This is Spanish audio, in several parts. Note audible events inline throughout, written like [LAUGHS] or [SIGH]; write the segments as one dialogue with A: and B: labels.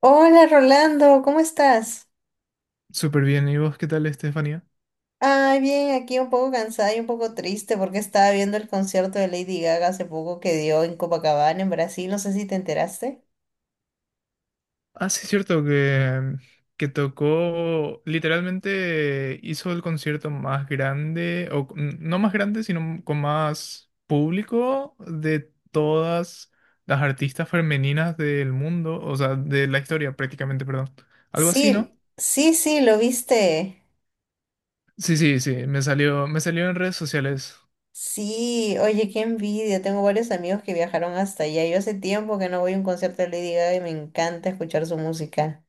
A: Hola Rolando, ¿cómo estás?
B: Súper bien, ¿y vos qué tal, Estefanía?
A: Ay, bien, aquí un poco cansada y un poco triste porque estaba viendo el concierto de Lady Gaga hace poco que dio en Copacabana, en Brasil, no sé si te enteraste.
B: Ah, sí, cierto que tocó, literalmente hizo el concierto más grande, o no más grande, sino con más público de todas las artistas femeninas del mundo, o sea, de la historia prácticamente, perdón. Algo así, ¿no?
A: Sí, sí, sí, lo viste.
B: Sí, sí, sí, me salió en redes sociales,
A: Sí, oye, qué envidia, tengo varios amigos que viajaron hasta allá. Yo hace tiempo que no voy a un concierto de Lady Gaga y me encanta escuchar su música.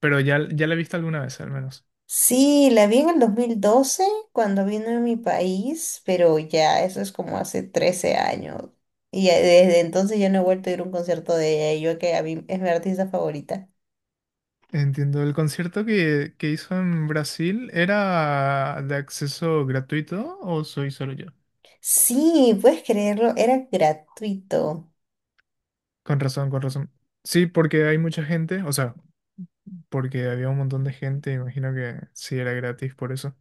B: pero ya la he visto alguna vez al menos.
A: Sí, la vi en el 2012 cuando vino a mi país, pero ya eso es como hace 13 años. Y ya desde entonces ya no he vuelto a ir a un concierto de ella, y yo que a mí es mi artista favorita.
B: Entiendo, el concierto que hizo en Brasil era de acceso gratuito, ¿o soy solo yo?
A: Sí, puedes creerlo, era gratuito.
B: Con razón, con razón. Sí, porque hay mucha gente, o sea, porque había un montón de gente, imagino que sí era gratis por eso.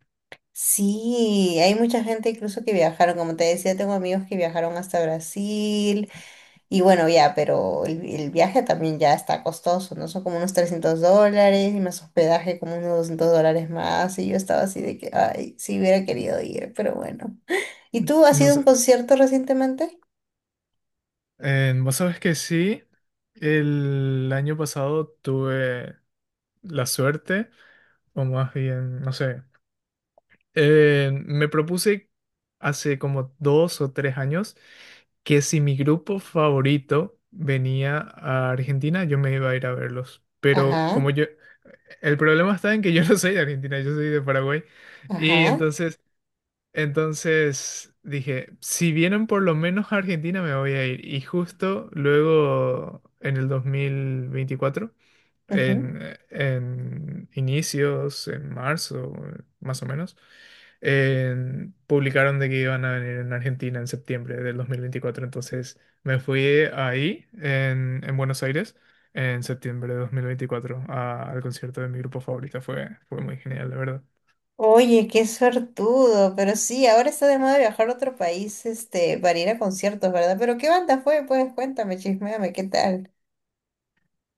A: Sí, hay mucha gente incluso que viajaron, como te decía, tengo amigos que viajaron hasta Brasil. Y bueno, ya, pero el viaje también ya está costoso, ¿no? Son como unos $300 y más hospedaje como unos $200 más. Y yo estaba así de que, ay, sí hubiera querido ir, pero bueno. ¿Y tú has
B: No
A: ido a un
B: sé,
A: concierto recientemente?
B: vos sabes que sí, el año pasado tuve la suerte, o más bien, no sé. Me propuse hace como dos o tres años que, si mi grupo favorito venía a Argentina, yo me iba a ir a verlos. Pero
A: Ajá,
B: como yo, el problema está en que yo [LAUGHS] no soy de Argentina, yo soy de Paraguay. Y
A: ajá,
B: entonces, entonces dije, si vienen por lo menos a Argentina, me voy a ir. Y justo luego, en el dos mil veinticuatro,
A: ujú.
B: en inicios, en marzo, más o menos, publicaron de que iban a venir en Argentina en septiembre del dos mil veinticuatro. Entonces me fui ahí, en Buenos Aires, en septiembre de 2024, al concierto de mi grupo favorito. Fue muy genial, la verdad.
A: Oye, qué suertudo, pero sí, ahora está de moda viajar a otro país, este, para ir a conciertos, ¿verdad? Pero ¿qué banda fue? Pues cuéntame, chisméame, ¿qué tal?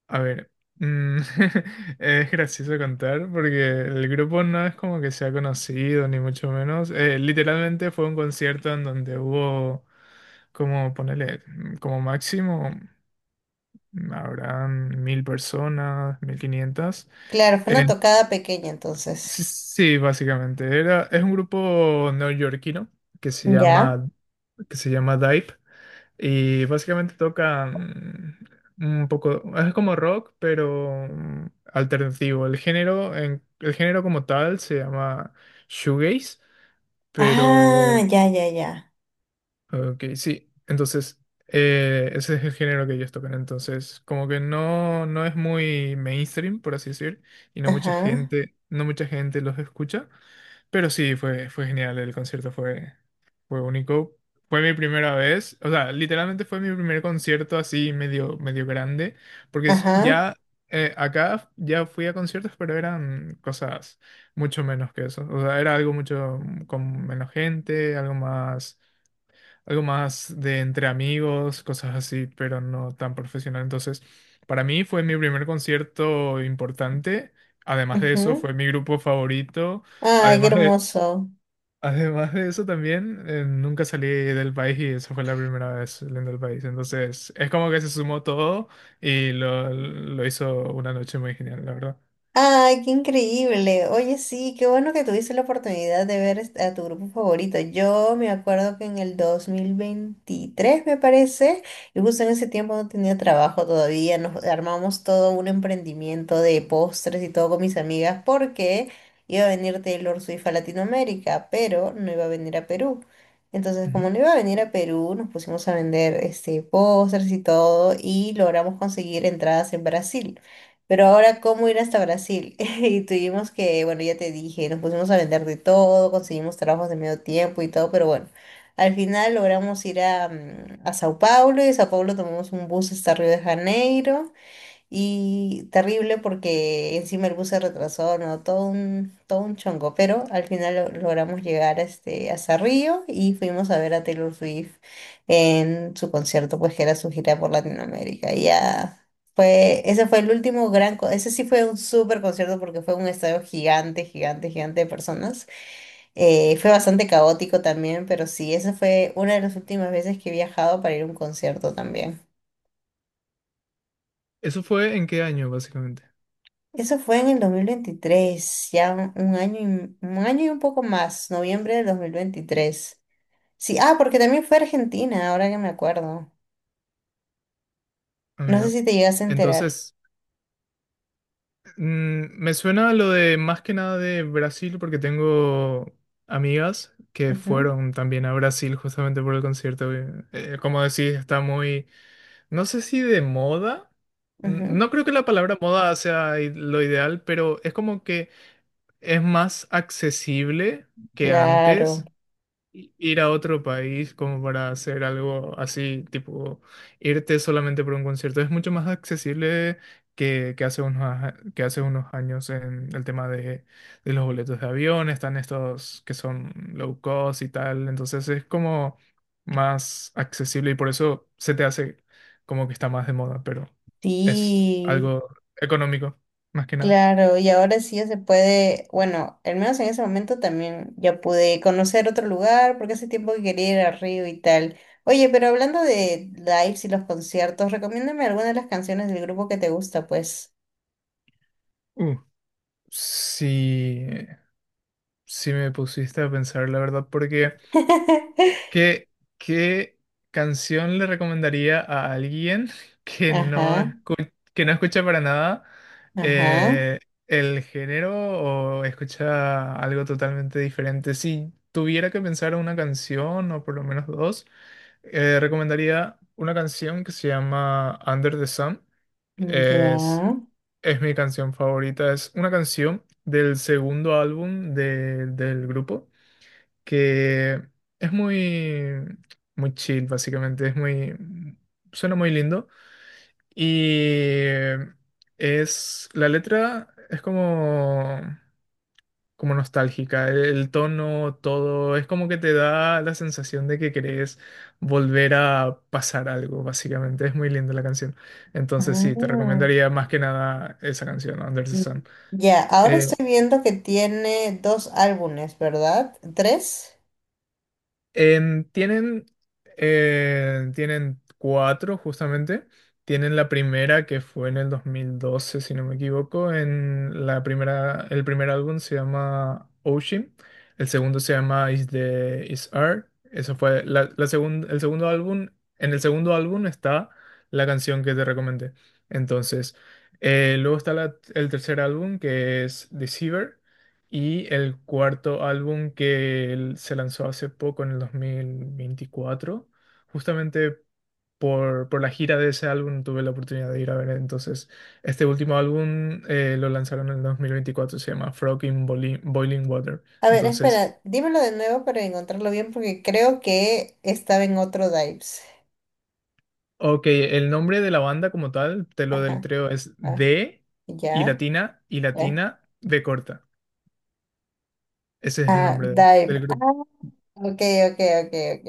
B: A ver, mm, [LAUGHS] es gracioso contar porque el grupo no es como que sea conocido, ni mucho menos. Literalmente fue un concierto en donde hubo, como ponerle, como máximo, habrán mil personas, mil quinientas.
A: Claro, fue
B: Eh,
A: una tocada pequeña entonces.
B: sí, sí, básicamente. Era, es un grupo neoyorquino que se
A: ¿Ya?
B: llama, que se llama Dive. Y básicamente tocan un poco, es como rock, pero alternativo. El género, el género como tal se llama shoegaze,
A: Ah,
B: pero
A: ya, ya, ya.
B: ok, sí. Entonces, ese es el género que ellos tocan. Entonces, como que no, no es muy mainstream, por así decir, y no mucha
A: Ajá.
B: gente, no mucha gente los escucha. Pero sí, fue genial. Fue único. Fue mi primera vez. O sea, literalmente fue mi primer concierto así medio, medio grande. Porque
A: Ajá,
B: ya acá ya fui a conciertos, pero eran cosas mucho menos que eso. O sea, era algo mucho con menos gente, algo más, algo más de entre amigos, cosas así, pero no tan profesional. Entonces, para mí fue mi primer concierto importante. Además de eso,
A: ujú.
B: fue mi grupo favorito.
A: Ay, qué
B: Además de,
A: hermoso.
B: [LAUGHS] además de eso, también nunca salí del país y esa fue la primera vez saliendo del país. Entonces, es como que se sumó todo y lo hizo una noche muy genial, la verdad.
A: Ay, qué increíble. Oye, sí, qué bueno que tuviste la oportunidad de ver a tu grupo favorito. Yo me acuerdo que en el 2023, me parece, y justo en ese tiempo no tenía trabajo todavía, nos armamos todo un emprendimiento de postres y todo con mis amigas porque iba a venir Taylor Swift a Latinoamérica, pero no iba a venir a Perú. Entonces, como
B: Ujú.
A: no iba a venir a Perú, nos pusimos a vender este, postres y todo y logramos conseguir entradas en Brasil. Pero ahora, ¿cómo ir hasta Brasil? [LAUGHS] Y tuvimos que, bueno, ya te dije, nos pusimos a vender de todo, conseguimos trabajos de medio tiempo y todo, pero bueno, al final logramos ir a, a Sao Paulo y de Sao Paulo tomamos un bus hasta Río de Janeiro. Y terrible porque encima el bus se retrasó, ¿no? Todo un chongo, pero al final logramos llegar a este, a Cerrillo y fuimos a ver a Taylor Swift en su concierto, pues que era su gira por Latinoamérica. Y ya fue, ese fue el último ese sí fue un súper concierto porque fue un estadio gigante, gigante, gigante de personas. Fue bastante caótico también, pero sí, esa fue una de las últimas veces que he viajado para ir a un concierto también.
B: ¿Eso fue en qué año, básicamente?
A: Eso fue en el 2023, ya un año y, un año y un poco más, noviembre del 2023. Sí, ah, porque también fue a Argentina, ahora que me acuerdo.
B: Ah,
A: No sé
B: mira.
A: si te llegas a enterar.
B: Entonces, me suena lo de más que nada de Brasil porque tengo amigas que
A: Ujú,
B: fueron también a Brasil justamente por el concierto. Como decís, está muy, no sé si de moda.
A: ujú,
B: No creo que la palabra moda sea lo ideal, pero es como que es más accesible que
A: claro,
B: antes ir a otro país como para hacer algo así, tipo irte solamente por un concierto. Es mucho más accesible que hace unos, que hace unos años, en el tema de los boletos de avión. Están estos que son low cost y tal. Entonces es como más accesible y por eso se te hace como que está más de moda, pero es
A: sí,
B: algo económico, más que nada.
A: claro. Y ahora sí ya se puede, bueno, al menos en ese momento también ya pude conocer otro lugar, porque hace tiempo que quería ir a Río y tal. Oye, pero hablando de lives y los conciertos, recomiéndame alguna de las canciones del grupo que te gusta, pues.
B: Uh, sí, sí me pusiste a pensar, la verdad, porque...
A: [LAUGHS]
B: ¿Qué, ¿qué canción le recomendaría a alguien [LAUGHS] que no,
A: Ajá,
B: que no escucha para nada
A: ajá,
B: eh, el género o escucha algo totalmente diferente? Si tuviera que pensar una canción o por lo menos dos, recomendaría una canción que se llama Under the Sun. Es,
A: ya.
B: es mi canción favorita. Es una canción del segundo álbum del grupo que es muy, muy chill, básicamente, suena muy lindo y la letra es como, como nostálgica, el tono, todo, es como que te da la sensación de que querés volver a pasar algo, básicamente, es muy linda la canción. Entonces sí, te
A: Ah,
B: recomendaría más que nada esa canción, Under the
A: mm,
B: Sun.
A: ya, ahora
B: Eh,
A: estoy viendo que tiene dos álbumes, ¿verdad? ¿Tres?
B: Em, tienen, tienen cuatro justamente. Tienen la primera que fue en el dos mil doce, si no me equivoco. En la primera, el primer álbum se llama Ocean. El segundo se llama Is the Is Art. Eso fue la, el segundo álbum. En el segundo álbum está la canción que te recomendé. Entonces, luego está el tercer álbum, que es Deceiver. Y el cuarto álbum, que él se lanzó hace poco, en el dos mil veinticuatro, justamente por la gira de ese álbum tuve la oportunidad de ir a ver. Entonces, este último álbum, lo lanzaron en el dos mil veinticuatro, se llama Frog in Boiling Water.
A: A ver,
B: Entonces,
A: espera, dímelo de nuevo para encontrarlo bien porque creo que estaba en otro Dives.
B: ok, el nombre de la banda como tal, te lo
A: Ajá,
B: deletreo, es
A: ah,
B: D y
A: ya,
B: latina y
A: ya.
B: latina de corta. Ese es el
A: Ah,
B: nombre
A: Dive.
B: del
A: Ah,
B: grupo.
A: ok, ok, ok, ok.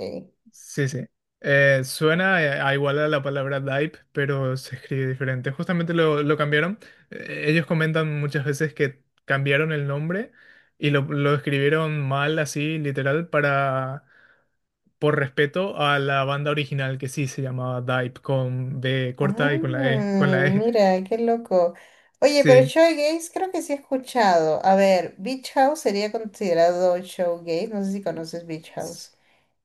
B: Sí, sí. Suena a igual a la palabra DIPE, pero se escribe diferente. Justamente lo cambiaron. Ellos comentan muchas veces que cambiaron el nombre y lo escribieron mal, así, literal, para, por respeto a la banda original que sí se llamaba DIPE, con B corta y con la
A: Ah,
B: E.
A: mira, qué loco. Oye, pero
B: Sí.
A: showgaze creo que sí he escuchado. A ver, Beach House sería considerado showgaze. No sé si conoces Beach House.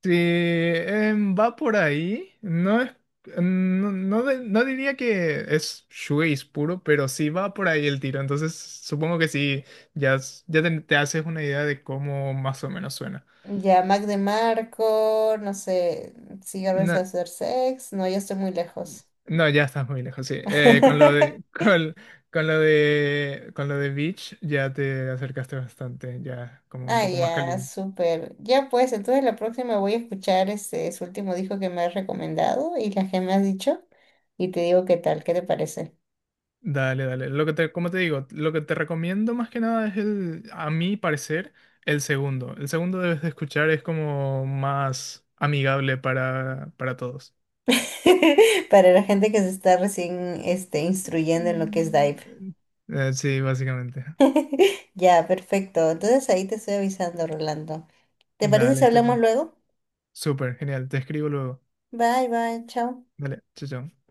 B: Sí, va por ahí. No es, no, no diría que es shoegaze puro, pero sí va por ahí el tiro. Entonces, supongo que sí, ya, ya te haces una idea de cómo más o menos suena.
A: Ya, Mac DeMarco, no sé, cigarros a
B: No,
A: hacer sex. No, ya estoy muy lejos.
B: no, ya estás muy lejos, sí. Con lo de, [LAUGHS]
A: [LAUGHS]
B: con lo de Beach ya te acercaste bastante, ya como un
A: Ah,
B: poco más
A: ya,
B: caliente.
A: súper. Ya pues, entonces la próxima voy a escuchar este, su último disco que me has recomendado y las que me has dicho y te digo qué tal, qué te parece.
B: Dale, dale. Como te digo, lo que te recomiendo más que nada es el, a mi parecer, el segundo. El segundo debes de escuchar, es como más amigable para todos.
A: [LAUGHS] Para la gente que se está recién este, instruyendo en lo que es Dive.
B: Mm. Sí, básicamente.
A: [LAUGHS] Ya, perfecto. Entonces ahí te estoy avisando, Rolando. ¿Te parece
B: Dale,
A: si hablamos
B: Estefan.
A: luego?
B: Súper, genial. Te escribo luego.
A: Bye, bye, chao.
B: Dale, chao, chao.